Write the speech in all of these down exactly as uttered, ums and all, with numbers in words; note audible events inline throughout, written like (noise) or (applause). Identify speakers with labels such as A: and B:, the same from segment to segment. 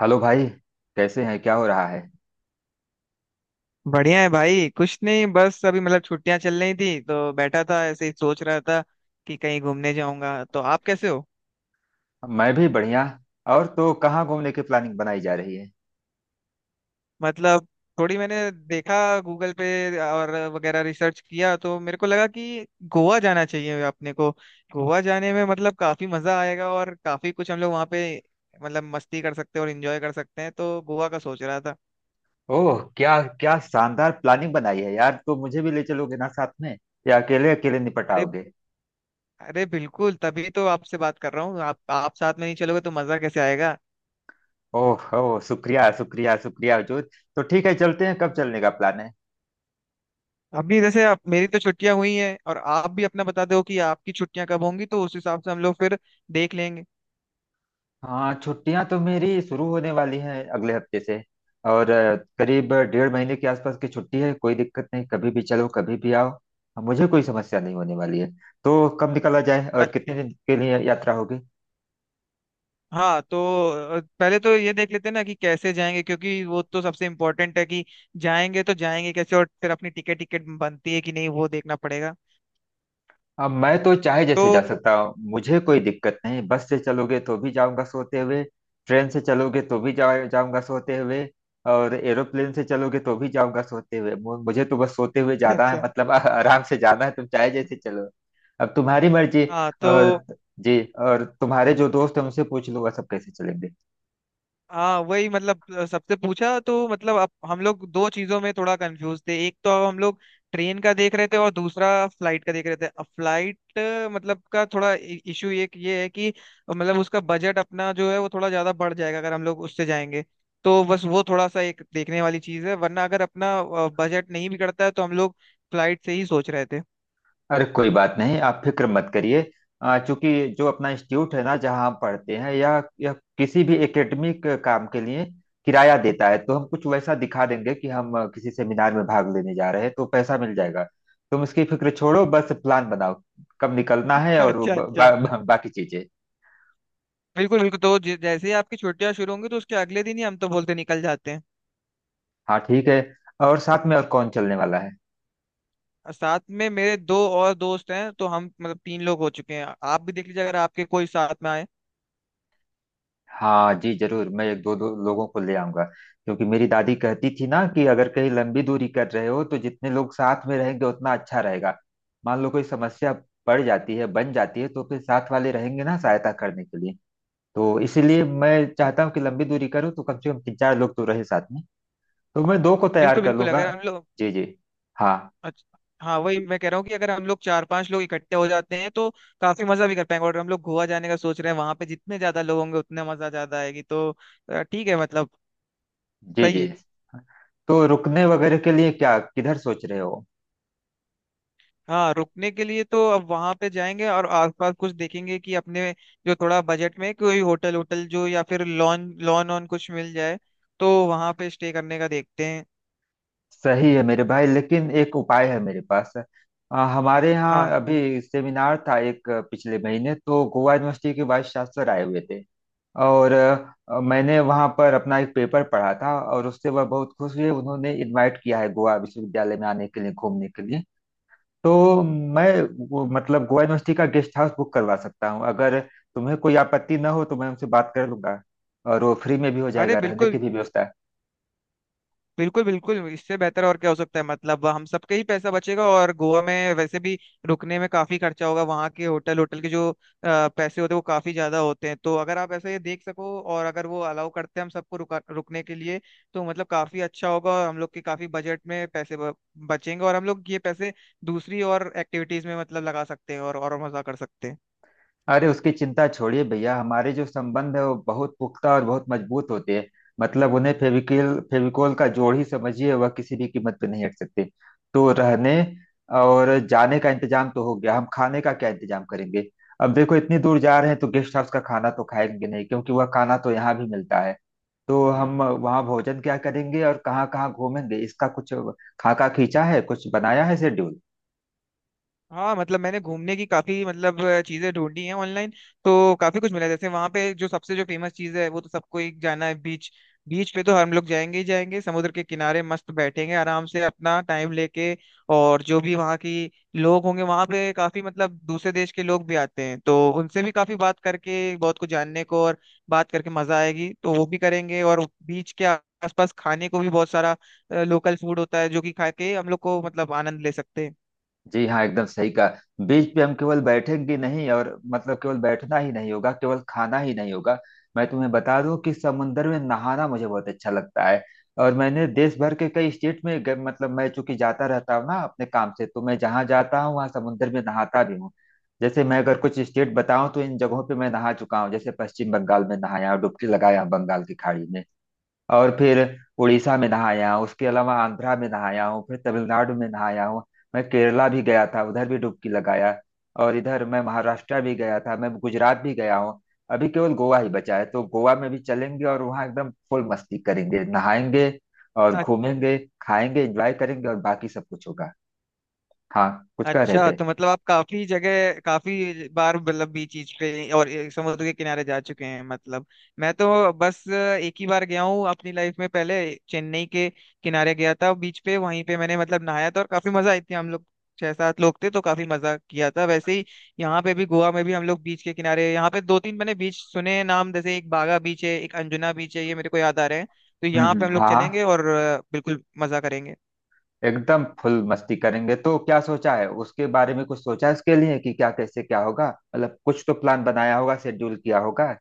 A: Hello भाई। कैसे हैं? क्या हो रहा है?
B: बढ़िया है भाई। कुछ नहीं, बस अभी मतलब छुट्टियां चल रही थी तो बैठा था ऐसे ही सोच रहा था कि कहीं घूमने जाऊंगा। तो आप कैसे हो?
A: मैं भी बढ़िया। और तो कहाँ घूमने की प्लानिंग बनाई जा रही है?
B: मतलब थोड़ी मैंने देखा गूगल पे और वगैरह रिसर्च किया तो मेरे को लगा कि गोवा जाना चाहिए अपने को। गोवा जाने में मतलब काफी मजा आएगा और काफी कुछ हम लोग वहाँ पे मतलब मस्ती कर सकते हैं और एंजॉय कर सकते हैं, तो गोवा का सोच रहा था।
A: ओह, क्या क्या शानदार प्लानिंग बनाई है यार। तो मुझे भी ले चलोगे ना साथ में, या अकेले अकेले निपट
B: अरे,
A: आओगे?
B: अरे बिल्कुल, तभी तो आपसे बात कर रहा हूँ। आप आप साथ में नहीं चलोगे तो मजा कैसे आएगा?
A: ओह ओह, शुक्रिया शुक्रिया शुक्रिया हजूर। तो ठीक है, चलते हैं। कब चलने का प्लान है?
B: अभी जैसे आप, मेरी तो छुट्टियां हुई हैं और आप भी अपना बता दो कि आपकी छुट्टियां कब होंगी तो उस हिसाब से हम लोग फिर देख लेंगे।
A: हाँ, छुट्टियां तो मेरी शुरू होने वाली हैं अगले हफ्ते से। और अ, करीब डेढ़ महीने के आसपास की छुट्टी है। कोई दिक्कत नहीं, कभी भी चलो, कभी भी आओ। मुझे कोई समस्या नहीं होने वाली है। तो कब निकला जाए
B: अ-
A: और कितने दिन के लिए यात्रा होगी?
B: हाँ तो अ, पहले तो ये देख लेते हैं ना कि कैसे जाएंगे, क्योंकि वो तो सबसे इम्पोर्टेंट है कि जाएंगे तो जाएंगे कैसे। और फिर अपनी टिकट टिकट बनती है कि नहीं वो देखना पड़ेगा।
A: अब मैं तो चाहे
B: तो
A: जैसे जा सकता हूँ, मुझे कोई दिक्कत नहीं। बस से चलोगे तो भी जाऊंगा सोते हुए। ट्रेन से चलोगे तो भी जा, जाऊंगा सोते हुए। और एरोप्लेन से चलोगे तो भी जाऊंगा सोते हुए। मु- मुझे तो बस सोते हुए
B: (laughs)
A: जाना है,
B: अच्छा।
A: मतलब (laughs) आ- आराम से जाना है। तुम चाहे जैसे चलो। अब तुम्हारी मर्जी।
B: हाँ तो
A: और जी, और तुम्हारे जो दोस्त हैं उनसे पूछ लूंगा सब कैसे चलेंगे।
B: हाँ, वही मतलब अ, सबसे पूछा तो मतलब अब हम लोग दो चीजों में थोड़ा कंफ्यूज थे। एक तो हम लोग ट्रेन का देख रहे थे और दूसरा फ्लाइट का देख रहे थे। अब फ्लाइट मतलब का थोड़ा इशू एक ये है कि मतलब उसका बजट अपना जो है वो थोड़ा ज्यादा बढ़ जाएगा अगर हम लोग उससे जाएंगे, तो बस वो थोड़ा सा एक देखने वाली चीज है। वरना अगर अपना बजट नहीं बिगड़ता है तो हम लोग फ्लाइट से ही सोच रहे थे।
A: अरे कोई बात नहीं, आप फिक्र मत करिए। अ, चूंकि जो अपना इंस्टीट्यूट है ना, जहाँ हम पढ़ते हैं, या, या किसी भी एकेडमिक काम के लिए किराया देता है, तो हम कुछ वैसा दिखा देंगे कि हम अ, किसी सेमिनार में भाग लेने जा रहे हैं, तो पैसा मिल जाएगा। तुम इसकी फिक्र छोड़ो, बस प्लान बनाओ। कब निकलना
B: (laughs)
A: है और वो
B: अच्छा
A: ब, बा,
B: अच्छा।
A: बा, बाकी चीजें।
B: बिल्कुल बिल्कुल, तो जै- जैसे ही आपकी छुट्टियां शुरू होंगी तो उसके अगले दिन ही हम तो बोलते निकल जाते हैं।
A: हाँ ठीक है। और साथ में और कौन चलने वाला है?
B: साथ में मेरे दो और दोस्त हैं तो हम मतलब तीन लोग हो चुके हैं। आप भी देख लीजिए अगर आपके कोई साथ में आए।
A: हाँ जी जरूर, मैं एक दो दो लोगों को ले आऊंगा। क्योंकि मेरी दादी कहती थी ना कि अगर कहीं लंबी दूरी कर रहे हो तो जितने लोग साथ में रहेंगे उतना अच्छा रहेगा। मान लो कोई समस्या पड़ जाती है, बन जाती है, तो फिर साथ वाले रहेंगे ना सहायता करने के लिए। तो इसीलिए मैं चाहता हूँ कि लंबी दूरी करूँ तो कम से कम तीन चार लोग तो रहे साथ में। तो मैं दो को तैयार
B: बिल्कुल
A: कर
B: बिल्कुल,
A: लूंगा।
B: अगर हम लोग,
A: जी जी। हाँ।
B: अच्छा, हाँ वही मैं कह रहा हूँ कि अगर हम लोग चार पांच लोग इकट्ठे हो जाते हैं तो काफी मजा भी कर पाएंगे। और हम लोग गोवा जाने का सोच रहे हैं, वहां पे जितने ज्यादा लोग होंगे उतने मजा ज्यादा आएगी। तो अ, ठीक है, मतलब
A: जी
B: सही
A: जी।
B: है।
A: तो रुकने वगैरह के लिए क्या किधर सोच रहे हो?
B: हाँ, रुकने के लिए तो अब वहां पे जाएंगे और आसपास कुछ देखेंगे कि अपने जो थोड़ा बजट में कोई होटल होटल जो या फिर लॉन लॉन ऑन कुछ मिल जाए तो वहां पे स्टे करने का देखते हैं।
A: सही है मेरे भाई, लेकिन एक उपाय है मेरे पास। आ, हमारे यहाँ
B: हाँ,
A: अभी सेमिनार था एक, अ, पिछले महीने। तो गोवा यूनिवर्सिटी के वाइस चांसलर आए हुए थे। और अ, मैंने वहाँ पर अपना एक पेपर पढ़ा था और उससे वह बहुत खुश हुए। उन्होंने इनवाइट किया है गोवा विश्वविद्यालय में आने के लिए, घूमने के लिए। तो मैं वो, मतलब गोवा यूनिवर्सिटी का गेस्ट हाउस बुक करवा सकता हूँ, अगर तुम्हें कोई आपत्ति न हो, तो मैं उनसे बात कर लूंगा। और वो फ्री में भी हो
B: अरे
A: जाएगा, रहने की
B: बिल्कुल,
A: भी व्यवस्था है।
B: बिल्कुल बिल्कुल, इससे बेहतर और क्या हो सकता है? मतलब हम सबका ही पैसा बचेगा और गोवा में वैसे भी रुकने में काफी खर्चा होगा। वहाँ के होटल होटल के जो अ, पैसे होते हैं वो काफी ज्यादा होते हैं। तो अगर आप ऐसा ये देख सको और अगर वो अलाउ करते हैं हम सबको रुका रुकने के लिए तो मतलब काफी अच्छा होगा और हम लोग के काफी बजट में पैसे ब- बचेंगे। और हम लोग ये पैसे दूसरी और एक्टिविटीज में मतलब लगा सकते हैं और और मजा कर सकते हैं।
A: अरे उसकी चिंता छोड़िए भैया, हमारे जो संबंध है वो बहुत पुख्ता और बहुत मजबूत होते हैं। मतलब उन्हें फेविकिल फेविकोल का जोड़ ही समझिए, वह किसी भी कीमत पे नहीं हट सकते। तो रहने और जाने का इंतजाम तो हो गया, हम खाने का क्या इंतजाम करेंगे? अब देखो इतनी दूर जा रहे हैं तो गेस्ट हाउस का खाना तो खाएंगे नहीं, क्योंकि वह खाना तो यहाँ भी मिलता है। तो हम वहाँ भोजन क्या करेंगे और कहाँ कहाँ घूमेंगे, इसका कुछ खाका खींचा है, कुछ बनाया है शेड्यूल?
B: हाँ मतलब मैंने घूमने की काफी मतलब अ, चीजें ढूंढी हैं ऑनलाइन। तो काफी कुछ मिला। जैसे वहां पे जो सबसे जो फेमस चीज है वो तो सबको एक जाना है बीच, बीच पे तो हम लोग जाएंगे ही जाएंगे। समुद्र के किनारे मस्त बैठेंगे आराम से अपना टाइम लेके, और जो भी वहाँ की लोग होंगे वहां पे, काफी मतलब दूसरे देश के लोग भी आते हैं तो उनसे भी काफी बात करके बहुत कुछ जानने को और बात करके मजा आएगी तो वो भी करेंगे। और बीच के आसपास खाने को भी बहुत सारा लोकल फूड होता है जो कि खा के हम लोग को मतलब आनंद ले सकते हैं।
A: जी हाँ, एकदम सही कहा। बीच पे हम केवल बैठेंगे नहीं, और मतलब केवल बैठना ही नहीं होगा, केवल खाना ही नहीं होगा। मैं तुम्हें बता दूं कि समुंदर में नहाना मुझे बहुत अच्छा लगता है। और मैंने देश भर के कई स्टेट में ग- मतलब मैं चूंकि जाता रहता हूँ ना अपने काम से, तो मैं जहाँ जाता हूँ वहाँ समुंदर में नहाता भी हूँ। जैसे मैं अगर कुछ स्टेट बताऊं, तो इन जगहों पे मैं नहा चुका हूँ। जैसे पश्चिम बंगाल में नहाया, डुबकी लगाया बंगाल की खाड़ी में। और फिर उड़ीसा में नहाया हूँ, उसके अलावा आंध्रा में नहाया हूँ, फिर तमिलनाडु में नहाया हूँ। मैं केरला भी गया था, उधर भी डुबकी लगाया। और इधर मैं महाराष्ट्र भी गया था, मैं गुजरात भी गया हूँ। अभी केवल गोवा ही बचा है, तो गोवा में भी चलेंगे और वहाँ एकदम फुल मस्ती करेंगे, नहाएंगे और घूमेंगे, खाएंगे, एंजॉय करेंगे और बाकी सब कुछ होगा। हाँ, कुछ कह रहे
B: अच्छा,
A: थे?
B: तो मतलब आप काफी जगह काफी बार मतलब बीच चीज पे और ये समुद्र के किनारे जा चुके हैं मतलब। मैं तो बस एक ही बार गया हूँ अपनी लाइफ में पहले। चेन्नई के किनारे गया था बीच पे, वहीं पे मैंने मतलब नहाया था और काफी मजा आई थी। हम लोग छह सात लोग थे तो काफी मजा किया था। वैसे ही यहाँ पे भी, गोवा में भी हम लोग बीच के किनारे, यहाँ पे दो तीन मैंने बीच सुने हैं नाम, जैसे एक बागा बीच है एक अंजुना बीच है, ये मेरे को याद आ रहे हैं। तो
A: हम्म
B: यहाँ पे
A: हम्म,
B: हम लोग
A: हाँ।
B: चलेंगे और अ, बिल्कुल मजा करेंगे।
A: एकदम फुल मस्ती करेंगे। तो क्या सोचा है उसके बारे में? कुछ सोचा है उसके लिए कि क्या, कैसे, क्या होगा? मतलब कुछ तो प्लान बनाया होगा, शेड्यूल किया होगा।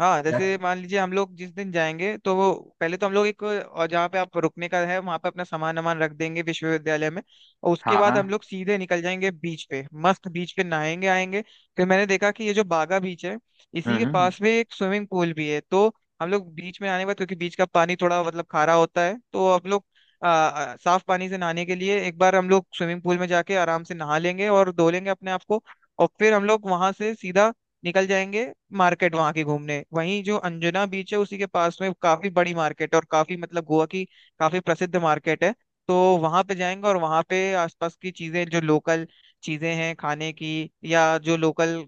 B: हाँ,
A: क्या?
B: जैसे मान लीजिए हम लोग जिस दिन जाएंगे तो वो पहले तो हम लोग एक, और जहाँ पे आप रुकने का है वहाँ पे अपना सामान वामान रख देंगे विश्वविद्यालय में। और उसके
A: हाँ हाँ।
B: बाद हम लोग सीधे निकल जाएंगे बीच पे, मस्त बीच पे नहाएंगे आएंगे। फिर मैंने देखा कि ये जो बागा बीच है इसी
A: हम्म
B: के
A: हम्म।
B: पास में एक स्विमिंग पूल भी है। तो हम लोग बीच में आने के बाद, क्योंकि बीच का पानी थोड़ा मतलब खारा होता है, तो हम लोग आ, आ, साफ पानी से नहाने के लिए एक बार हम लोग स्विमिंग पूल में जाके आराम से नहा लेंगे और धो लेंगे अपने आप को। और फिर हम लोग वहां से सीधा निकल जाएंगे मार्केट वहां की घूमने। वहीं जो अंजुना बीच है उसी के पास में काफी बड़ी मार्केट है और काफी मतलब गोवा की काफी प्रसिद्ध मार्केट है। तो वहां पे जाएंगे और वहां पे आसपास की चीजें जो लोकल चीजें हैं खाने की, या जो लोकल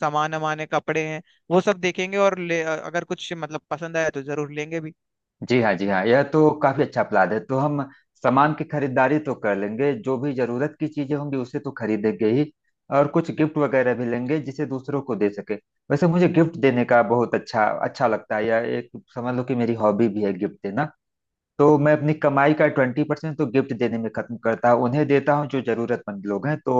B: सामान वामान है, कपड़े हैं, वो सब देखेंगे और ले, अगर कुछ मतलब पसंद आया तो जरूर लेंगे भी।
A: जी हाँ, जी हाँ, यह तो काफी अच्छा प्लान है। तो हम सामान की खरीदारी तो कर लेंगे, जो भी जरूरत की चीजें होंगी उसे तो खरीदेंगे ही। और कुछ गिफ्ट वगैरह भी लेंगे जिसे दूसरों को दे सके। वैसे मुझे गिफ्ट देने का बहुत अच्छा अच्छा लगता है, यह एक समझ लो कि मेरी हॉबी भी है गिफ्ट देना। तो मैं अपनी कमाई का ट्वेंटी परसेंट तो गिफ्ट देने में खत्म करता हूँ, उन्हें देता हूँ जो जरूरतमंद लोग हैं। तो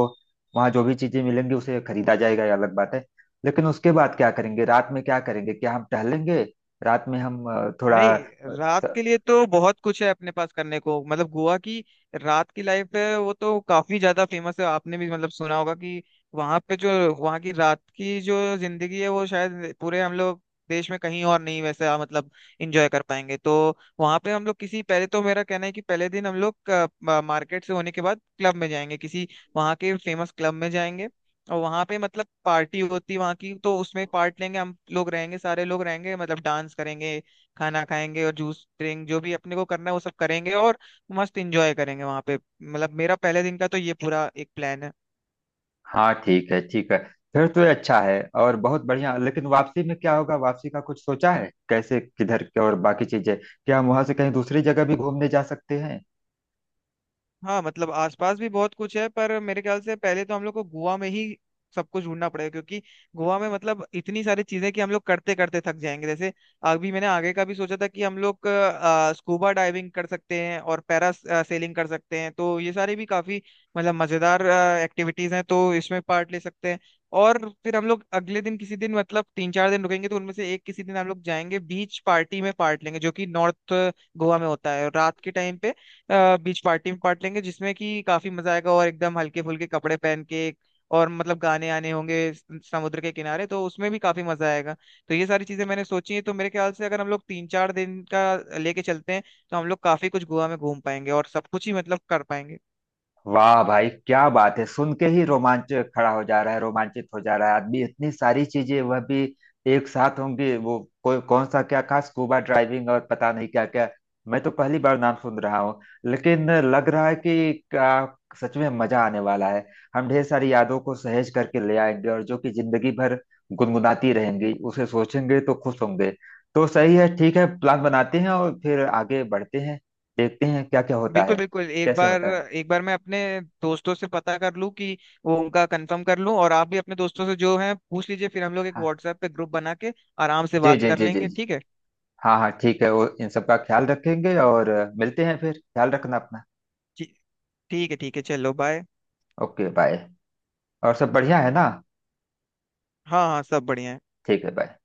A: वहाँ जो भी चीजें मिलेंगी उसे खरीदा जाएगा, ये अलग बात है। लेकिन उसके बाद क्या करेंगे, रात में क्या करेंगे, क्या हम टहलेंगे? रात में हम अ, थोड़ा
B: नहीं,
A: अ,
B: रात
A: थ-
B: के लिए तो बहुत कुछ है अपने पास करने को। मतलब गोवा की रात की लाइफ है वो तो काफी ज्यादा फेमस है। आपने भी मतलब सुना होगा कि वहां पे जो, वहां की रात की जो जिंदगी है वो शायद पूरे हम लोग देश में कहीं और नहीं वैसे आ, मतलब एंजॉय कर पाएंगे। तो वहां पे हम लोग किसी, पहले तो मेरा कहना है कि पहले दिन हम लोग मार्केट से होने के बाद क्लब में जाएंगे, किसी वहां के फेमस क्लब में जाएंगे। और वहां पे मतलब पार्टी होती है वहां की तो उसमें पार्ट लेंगे, हम लोग रहेंगे सारे लोग रहेंगे मतलब डांस करेंगे खाना खाएंगे और जूस ड्रिंक जो भी अपने को करना है वो सब करेंगे और मस्त इंजॉय करेंगे वहां पे। मतलब मेरा पहले दिन का तो ये पूरा एक प्लान है।
A: हाँ ठीक है ठीक है। फिर तो ये अच्छा है और बहुत बढ़िया। लेकिन वापसी में क्या होगा? वापसी का कुछ सोचा है कैसे किधर क्या? और बाकी चीजें, क्या हम वहां से कहीं दूसरी जगह भी घूमने जा सकते हैं?
B: हाँ मतलब आसपास भी बहुत कुछ है पर मेरे ख्याल से पहले तो हम लोग को गोवा में ही सब कुछ ढूंढना पड़ेगा, क्योंकि गोवा में मतलब इतनी सारी चीजें कि हम लोग करते करते थक जाएंगे। जैसे अभी मैंने आगे का भी सोचा था कि हम लोग अ, स्कूबा डाइविंग कर सकते हैं और पैरा अ, सेलिंग कर सकते हैं। तो ये सारी भी काफी मतलब मजेदार अ, एक्टिविटीज हैं तो इसमें पार्ट ले सकते हैं। और फिर हम लोग अगले दिन, किसी दिन मतलब तीन चार दिन रुकेंगे तो उनमें से एक किसी दिन हम लोग जाएंगे बीच पार्टी में पार्ट लेंगे, जो कि नॉर्थ गोवा में होता है रात के टाइम पे। अ, बीच पार्टी में पार्ट लेंगे, जिसमें कि काफी मजा आएगा और एकदम हल्के फुल्के कपड़े पहन के, और मतलब गाने आने होंगे स- समुद्र के किनारे तो उसमें भी काफी मजा आएगा। तो ये सारी चीजें मैंने सोची हैं, तो मेरे ख्याल से अगर हम लोग तीन चार दिन का लेके चलते हैं तो हम लोग काफी कुछ गोवा में घूम पाएंगे और सब कुछ ही मतलब कर पाएंगे।
A: वाह भाई क्या बात है, सुन के ही रोमांच खड़ा हो जा रहा है, रोमांचित हो जा रहा है आदमी। इतनी सारी चीजें वह भी एक साथ होंगी वो। कोई कौन सा क्या खास, स्कूबा ड्राइविंग और पता नहीं क्या क्या। मैं तो पहली बार नाम सुन रहा हूँ। लेकिन लग रहा है कि क्या सच में मजा आने वाला है। हम ढेर सारी यादों को सहेज करके ले आएंगे, और जो कि जिंदगी भर गुनगुनाती रहेंगी, उसे सोचेंगे तो खुश होंगे। तो सही है, ठीक है, प्लान बनाते हैं और फिर आगे बढ़ते हैं। देखते हैं क्या क्या होता
B: बिल्कुल
A: है,
B: बिल्कुल, एक
A: कैसे
B: बार
A: होता है।
B: एक बार मैं अपने दोस्तों से पता कर लूं कि वो, उनका कंफर्म कर लूं, और आप भी अपने दोस्तों से जो है पूछ लीजिए, फिर हम लोग एक
A: हाँ।
B: व्हाट्सएप पे ग्रुप बना के आराम से
A: जी
B: बात
A: जी
B: कर
A: जी जी
B: लेंगे।
A: जी।
B: ठीक है।
A: हाँ हाँ ठीक है, वो इन सब का ख्याल रखेंगे। और अ, मिलते हैं फिर। ख्याल रखना अपना।
B: ठी- ठीक है, ठीक है, चलो बाय।
A: Okay bye. और सब बढ़िया है ना?
B: हाँ हाँ, सब बढ़िया है।
A: ठीक है बाय।